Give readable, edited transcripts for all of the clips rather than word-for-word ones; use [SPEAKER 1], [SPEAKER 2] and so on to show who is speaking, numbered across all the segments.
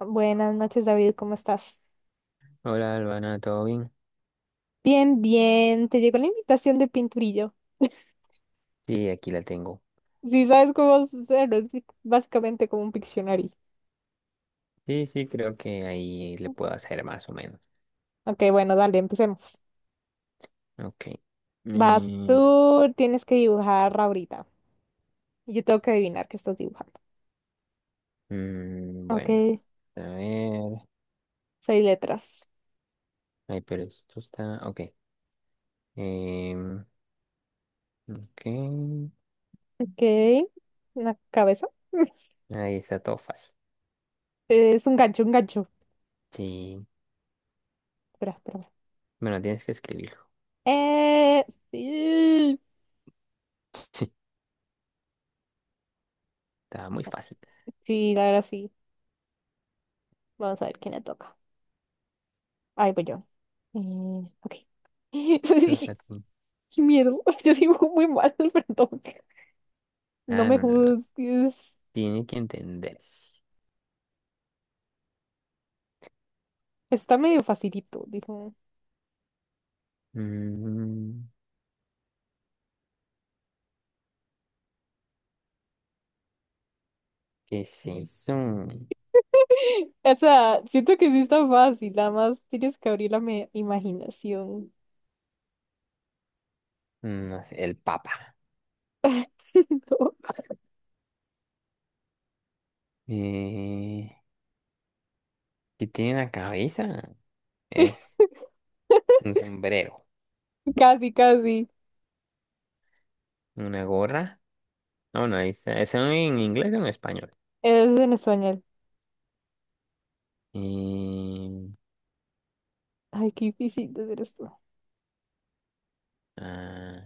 [SPEAKER 1] Buenas noches, David, ¿cómo estás?
[SPEAKER 2] Hola, Albana, ¿todo bien?
[SPEAKER 1] Bien, bien, te llegó la invitación de pinturillo.
[SPEAKER 2] Sí, aquí la tengo.
[SPEAKER 1] Si sabes cómo hacerlo, es básicamente como un Pictionary.
[SPEAKER 2] Sí, sí, creo que ahí le puedo hacer más o menos.
[SPEAKER 1] Ok, bueno, dale, empecemos.
[SPEAKER 2] Ok.
[SPEAKER 1] Vas,
[SPEAKER 2] Mm,
[SPEAKER 1] tú tienes que dibujar ahorita. Y yo tengo que adivinar qué estás dibujando. Ok,
[SPEAKER 2] bueno, a ver.
[SPEAKER 1] seis letras.
[SPEAKER 2] Ay, pero esto está. Ok. Em, ok.
[SPEAKER 1] Ok, una cabeza.
[SPEAKER 2] Ahí está todo fácil.
[SPEAKER 1] Es un gancho, un gancho.
[SPEAKER 2] Sí.
[SPEAKER 1] Espera, espera, espera.
[SPEAKER 2] Bueno, tienes que escribirlo.
[SPEAKER 1] Eh, sí.
[SPEAKER 2] Sí, está muy fácil.
[SPEAKER 1] Sí, ahora sí. Vamos a ver quién le toca. Ahí voy yo. Ok.
[SPEAKER 2] Todo es para ti.
[SPEAKER 1] Qué miedo. Yo dibujo muy mal, perdón. No
[SPEAKER 2] Ah,
[SPEAKER 1] me
[SPEAKER 2] no, no, no.
[SPEAKER 1] juzgues.
[SPEAKER 2] Tiene que entenderse.
[SPEAKER 1] Está medio facilito, dijo.
[SPEAKER 2] Mm, ¿qué es eso?
[SPEAKER 1] O sea, siento que sí está fácil, nada más tienes que abrir la imaginación.
[SPEAKER 2] No sé, el papa.
[SPEAKER 1] No.
[SPEAKER 2] Eh, Sí tiene una cabeza, es un sombrero,
[SPEAKER 1] Casi, casi.
[SPEAKER 2] una gorra. Ah, bueno, ahí está. ¿Es en inglés o en español?
[SPEAKER 1] Es en español.
[SPEAKER 2] Em,
[SPEAKER 1] Ay, qué difícil de hacer esto.
[SPEAKER 2] ah,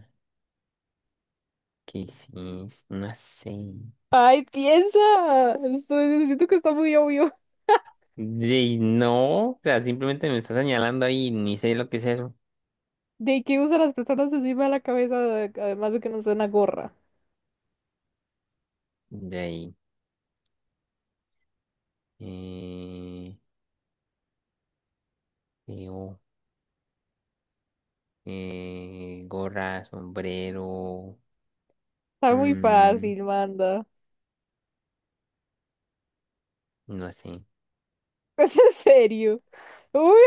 [SPEAKER 2] ¿qué sí? No sé.
[SPEAKER 1] Ay, piensa. Siento que está muy obvio.
[SPEAKER 2] De ahí, no, o sea, simplemente me está señalando ahí, ni sé lo que es eso.
[SPEAKER 1] ¿De qué usan las personas encima de la cabeza? Además de que no usan una gorra.
[SPEAKER 2] De ahí. Eh, creo, gorra, sombrero.
[SPEAKER 1] Está muy
[SPEAKER 2] mm,
[SPEAKER 1] fácil, manda.
[SPEAKER 2] no sé.
[SPEAKER 1] Es en serio. Uy,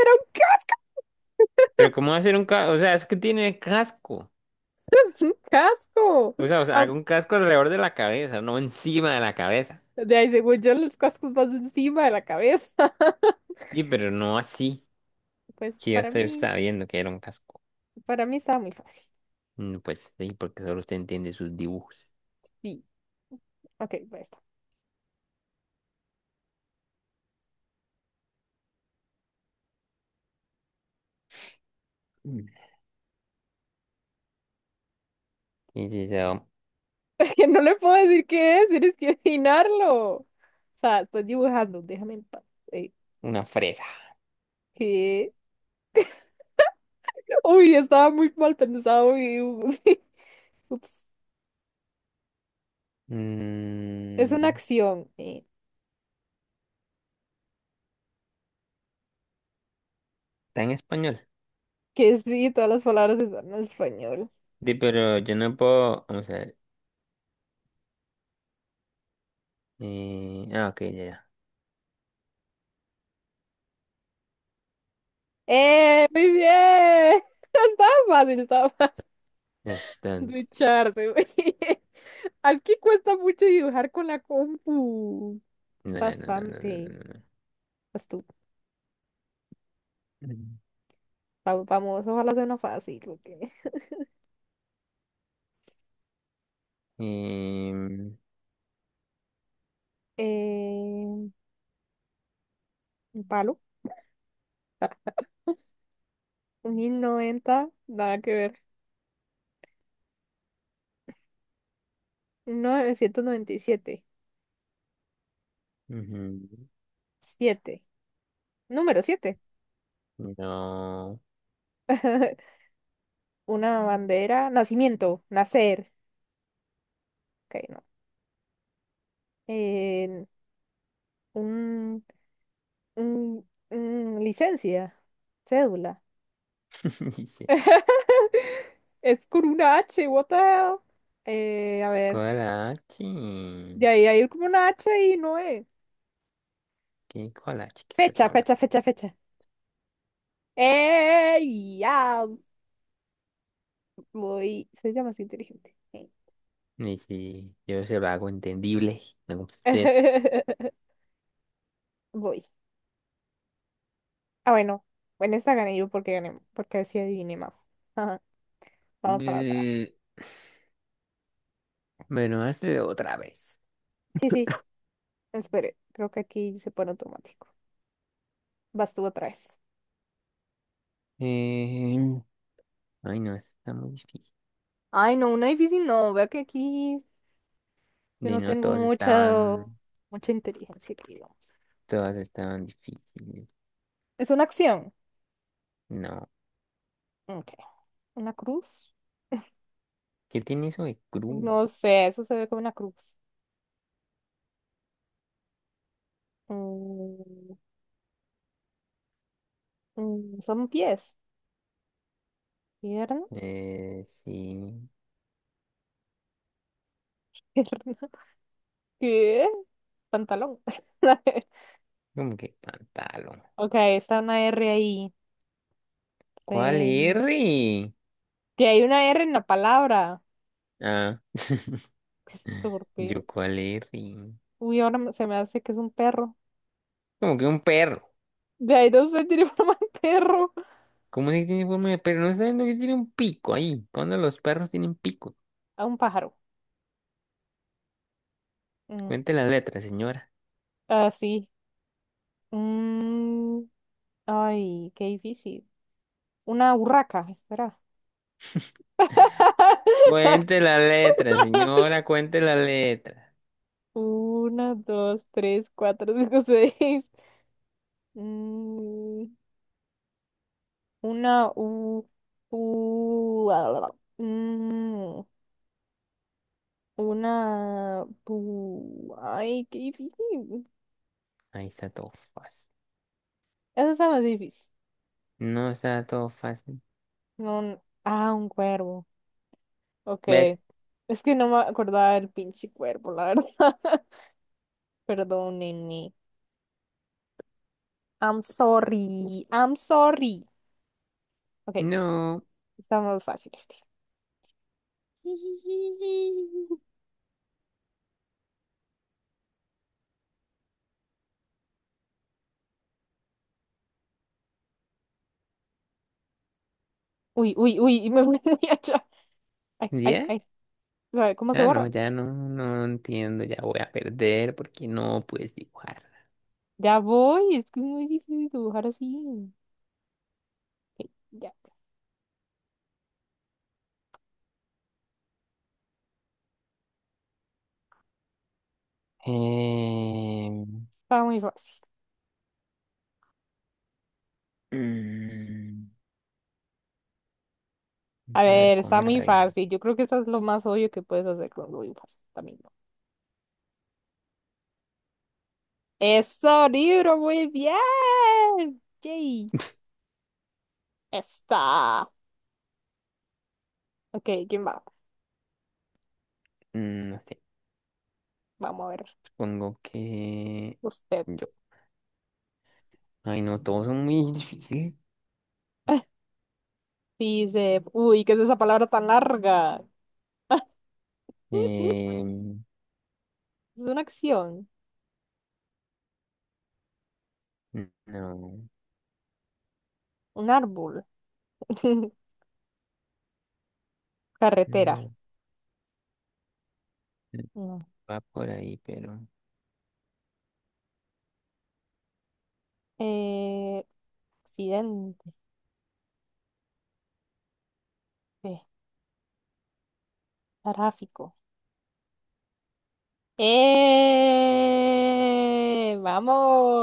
[SPEAKER 2] Pero ¿cómo va a ser un casco? O sea, es que tiene casco.
[SPEAKER 1] es un casco.
[SPEAKER 2] O sea, haga
[SPEAKER 1] Am-
[SPEAKER 2] un casco alrededor de la cabeza, no encima de la cabeza.
[SPEAKER 1] De ahí, según yo, los cascos van encima de la cabeza.
[SPEAKER 2] Sí, pero no así.
[SPEAKER 1] Pues
[SPEAKER 2] Que ya yo estaba viendo que era un casco.
[SPEAKER 1] para mí estaba muy fácil.
[SPEAKER 2] Mm, pues sí, porque solo usted entiende sus dibujos.
[SPEAKER 1] Sí, ok, pues está.
[SPEAKER 2] Mm. Y sí, so,
[SPEAKER 1] Que no le puedo decir qué es, tienes que adivinarlo. O sea, estoy dibujando, déjame en paz. Eh,
[SPEAKER 2] una fresa.
[SPEAKER 1] ¿Qué? Uy, estaba muy mal pensado mi dibujo, sí. Ups. Es una
[SPEAKER 2] Mm,
[SPEAKER 1] acción.
[SPEAKER 2] está en español.
[SPEAKER 1] Que sí, todas las palabras están en español.
[SPEAKER 2] Sí, pero yo no puedo. Vamos a ver. Ah, ok, ya, ya.
[SPEAKER 1] ¡Eh! ¡Muy bien! Estaba fácil, estaba
[SPEAKER 2] Ya está. No,
[SPEAKER 1] ducharse, güey. Es que cuesta mucho dibujar con la compu,
[SPEAKER 2] no,
[SPEAKER 1] cuesta
[SPEAKER 2] no, no, no, no,
[SPEAKER 1] bastante.
[SPEAKER 2] no.
[SPEAKER 1] Pues tú,
[SPEAKER 2] No. Mm.
[SPEAKER 1] vamos, ojalá sea una fácil, porque...
[SPEAKER 2] Em,
[SPEAKER 1] Eh, un palo. Un 1090 nada que ver. Un 997
[SPEAKER 2] ujú.
[SPEAKER 1] siete. Número siete.
[SPEAKER 2] No.
[SPEAKER 1] Una bandera. Nacimiento. Nacer. Ok, no. Eh, un, un licencia. Cédula.
[SPEAKER 2] Dice.
[SPEAKER 1] Es con una H, what the hell? A ver,
[SPEAKER 2] Coraje.
[SPEAKER 1] de ahí hay como una H y no es.
[SPEAKER 2] ¿Qué collage que se está
[SPEAKER 1] Fecha,
[SPEAKER 2] hablando?
[SPEAKER 1] fecha, fecha, fecha. Ya voy. Soy ya más inteligente.
[SPEAKER 2] Y si yo se lo hago entendible, no como usted.
[SPEAKER 1] Voy. Ah, bueno. En esta gané yo porque gané, porque así adiviné más. Ajá, vamos para atrás.
[SPEAKER 2] Mm, bueno, hazlo otra vez.
[SPEAKER 1] Sí, sí, espere. Creo que aquí se pone automático. Vas tú otra vez.
[SPEAKER 2] Eh, ay, no, esto está muy difícil.
[SPEAKER 1] Ay, no, una difícil no. Vea que aquí yo
[SPEAKER 2] De
[SPEAKER 1] no
[SPEAKER 2] no,
[SPEAKER 1] tengo
[SPEAKER 2] todos
[SPEAKER 1] mucha,
[SPEAKER 2] estaban,
[SPEAKER 1] mucha inteligencia, que digamos.
[SPEAKER 2] todas estaban difíciles.
[SPEAKER 1] Es una acción.
[SPEAKER 2] No.
[SPEAKER 1] Ok. Una cruz.
[SPEAKER 2] ¿Qué tiene eso de
[SPEAKER 1] No
[SPEAKER 2] cruz?
[SPEAKER 1] sé, eso se ve como una cruz. Mm, son pies. Pierna.
[SPEAKER 2] Sí.
[SPEAKER 1] Pierna. ¿Qué? Pantalón.
[SPEAKER 2] Como que pantalón.
[SPEAKER 1] Ok, está una R ahí.
[SPEAKER 2] ¿Cuál
[SPEAKER 1] Re-
[SPEAKER 2] R?
[SPEAKER 1] Que hay una R en la palabra.
[SPEAKER 2] Ah,
[SPEAKER 1] Qué
[SPEAKER 2] yo
[SPEAKER 1] estúpido.
[SPEAKER 2] cuál R.
[SPEAKER 1] Uy, ahora se me hace que es un perro.
[SPEAKER 2] Como que un perro.
[SPEAKER 1] De ahí no sé, tiene forma de perro.
[SPEAKER 2] ¿Cómo es que tiene forma de perro? No está viendo que tiene un pico ahí. ¿Cuándo los perros tienen pico?
[SPEAKER 1] A un pájaro. Mm,
[SPEAKER 2] Cuente las letras, señora.
[SPEAKER 1] Ah, sí. Mm, ay, qué difícil. Una urraca, espera.
[SPEAKER 2] Cuente las letras, señora. Cuente las letras.
[SPEAKER 1] Una, dos, tres, cuatro, cinco, seis. Mm, una, u, u, ah, ah, ah. Una, ay, qué difícil.
[SPEAKER 2] Ahí está todo fácil.
[SPEAKER 1] Eso está más difícil.
[SPEAKER 2] No está todo fácil.
[SPEAKER 1] No, ah, un cuervo. Ok.
[SPEAKER 2] ¿Ves?
[SPEAKER 1] Es que no me acordaba del pinche cuervo, la verdad. Perdónenme. I'm sorry. I'm sorry. Ok, está,
[SPEAKER 2] No.
[SPEAKER 1] está más fácil este. Uy, uy, uy, me voy allá. Ay, ay,
[SPEAKER 2] ¿Ya?
[SPEAKER 1] ay. ¿Sabe cómo se
[SPEAKER 2] Ah, no,
[SPEAKER 1] borra?
[SPEAKER 2] ya no, no entiendo. Ya voy a perder porque no puedes dibujar.
[SPEAKER 1] Ya voy, es que es muy difícil dibujar así. Ok, ya,
[SPEAKER 2] Eh,
[SPEAKER 1] está muy fácil.
[SPEAKER 2] mm,
[SPEAKER 1] A
[SPEAKER 2] a ver,
[SPEAKER 1] ver,
[SPEAKER 2] con
[SPEAKER 1] está muy
[SPEAKER 2] R.
[SPEAKER 1] fácil. Yo creo que eso es lo más obvio que puedes hacer con lo fácil también, ¿no? Eso, libro, muy bien. Yay, está. Ok, ¿quién va?
[SPEAKER 2] Mm, no sé.
[SPEAKER 1] Vamos a ver.
[SPEAKER 2] Supongo que.
[SPEAKER 1] Usted
[SPEAKER 2] Yo. Ay, no, todos son muy difíciles.
[SPEAKER 1] dice, uy, ¿qué es esa palabra tan larga?
[SPEAKER 2] Em,
[SPEAKER 1] Es una acción,
[SPEAKER 2] no,
[SPEAKER 1] un árbol, carretera.
[SPEAKER 2] no,
[SPEAKER 1] No.
[SPEAKER 2] va por ahí, pero
[SPEAKER 1] Eh, accidente, eh, tráfico. ¡Eh!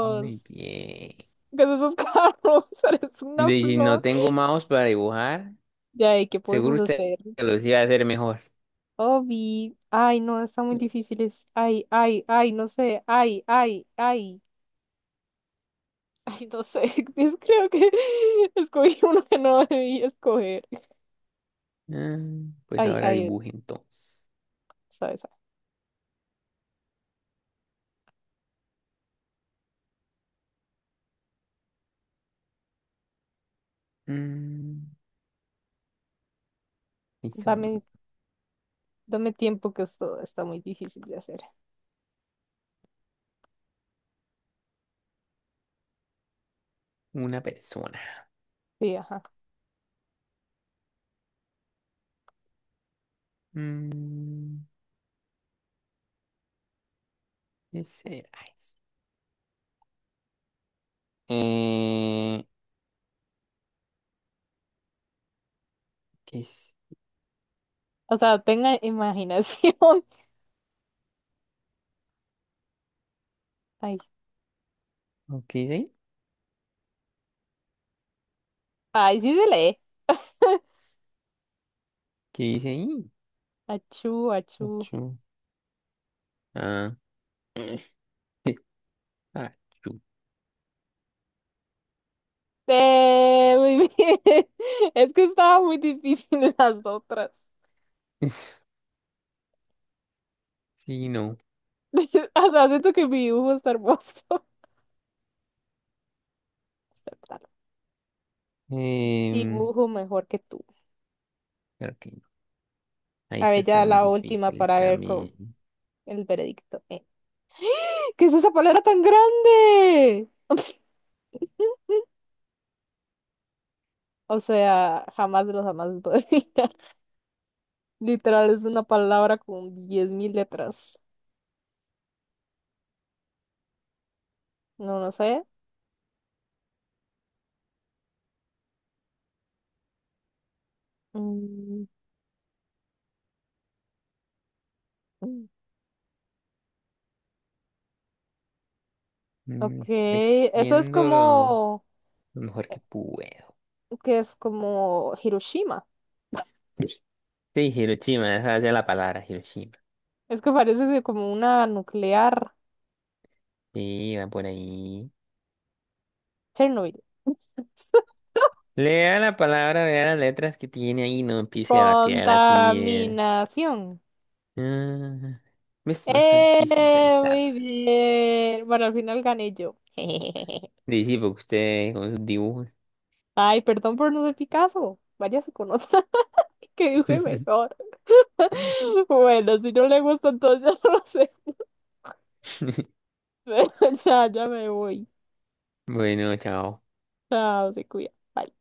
[SPEAKER 2] muy bien.
[SPEAKER 1] Con esos carros, eres
[SPEAKER 2] De,
[SPEAKER 1] una
[SPEAKER 2] si no
[SPEAKER 1] flor.
[SPEAKER 2] tengo mouse para dibujar,
[SPEAKER 1] Ya, ¿y qué
[SPEAKER 2] seguro
[SPEAKER 1] podemos
[SPEAKER 2] usted
[SPEAKER 1] hacer?
[SPEAKER 2] lo iba a hacer mejor.
[SPEAKER 1] Obi, ay, no, está muy difícil. Ay, ay, ay, no sé. Ay, ay, ay. Ay, no sé. Creo que escogí uno que no debí escoger.
[SPEAKER 2] Mm, pues
[SPEAKER 1] Ay,
[SPEAKER 2] ahora
[SPEAKER 1] ay,
[SPEAKER 2] dibuje entonces.
[SPEAKER 1] sabes,
[SPEAKER 2] Mm, hizo un-
[SPEAKER 1] dame, dame tiempo que esto está muy difícil de hacer.
[SPEAKER 2] una persona.
[SPEAKER 1] Sí, ajá.
[SPEAKER 2] Mm, ¿qué será eso? Eh, ¿Qué es?
[SPEAKER 1] O sea, tenga imaginación. Ay,
[SPEAKER 2] ¿Qué dice ahí?
[SPEAKER 1] ay, sí se lee.
[SPEAKER 2] ¿Qué dice ahí?
[SPEAKER 1] Achú, achú.
[SPEAKER 2] Achú. Ah. Achú.
[SPEAKER 1] Muy bien. Es que estaba muy difícil las otras.
[SPEAKER 2] Sí, no.
[SPEAKER 1] O sea, siento que mi dibujo está hermoso. Acéptalo.
[SPEAKER 2] Em,
[SPEAKER 1] Dibujo mejor que tú.
[SPEAKER 2] creo que no. Ahí
[SPEAKER 1] A
[SPEAKER 2] se
[SPEAKER 1] ver,
[SPEAKER 2] están
[SPEAKER 1] ya
[SPEAKER 2] muy
[SPEAKER 1] la última
[SPEAKER 2] difíciles
[SPEAKER 1] para ver
[SPEAKER 2] también.
[SPEAKER 1] el veredicto. ¿Qué es esa palabra tan grande? O sea, jamás de los jamás puedo adivinar. Literal, es una palabra con 10.000 letras. No, no sé. Mm, mm.
[SPEAKER 2] Mm,
[SPEAKER 1] Ok, eso es como,
[SPEAKER 2] Lo mejor que puedo.
[SPEAKER 1] que es como Hiroshima.
[SPEAKER 2] Sí, Hiroshima, esa es la palabra, Hiroshima.
[SPEAKER 1] Es que parece ser como una nuclear
[SPEAKER 2] Sí, va por ahí.
[SPEAKER 1] Chernobyl.
[SPEAKER 2] Lea la palabra, vea las letras que tiene ahí, no empiece a batear así, eh.
[SPEAKER 1] Contaminación.
[SPEAKER 2] Ah, ¿ves? No es tan difícil pensar.
[SPEAKER 1] Muy bien. Bueno, al final gané yo.
[SPEAKER 2] Dice, porque usted con sus dibujos.
[SPEAKER 1] Ay, perdón por no ser Picasso. Váyase con otra que dibuje mejor. Bueno, si no le gusta, entonces ya no lo sé. Ya, ya me voy.
[SPEAKER 2] Bueno, chao.
[SPEAKER 1] Chao, se cuida. Bye.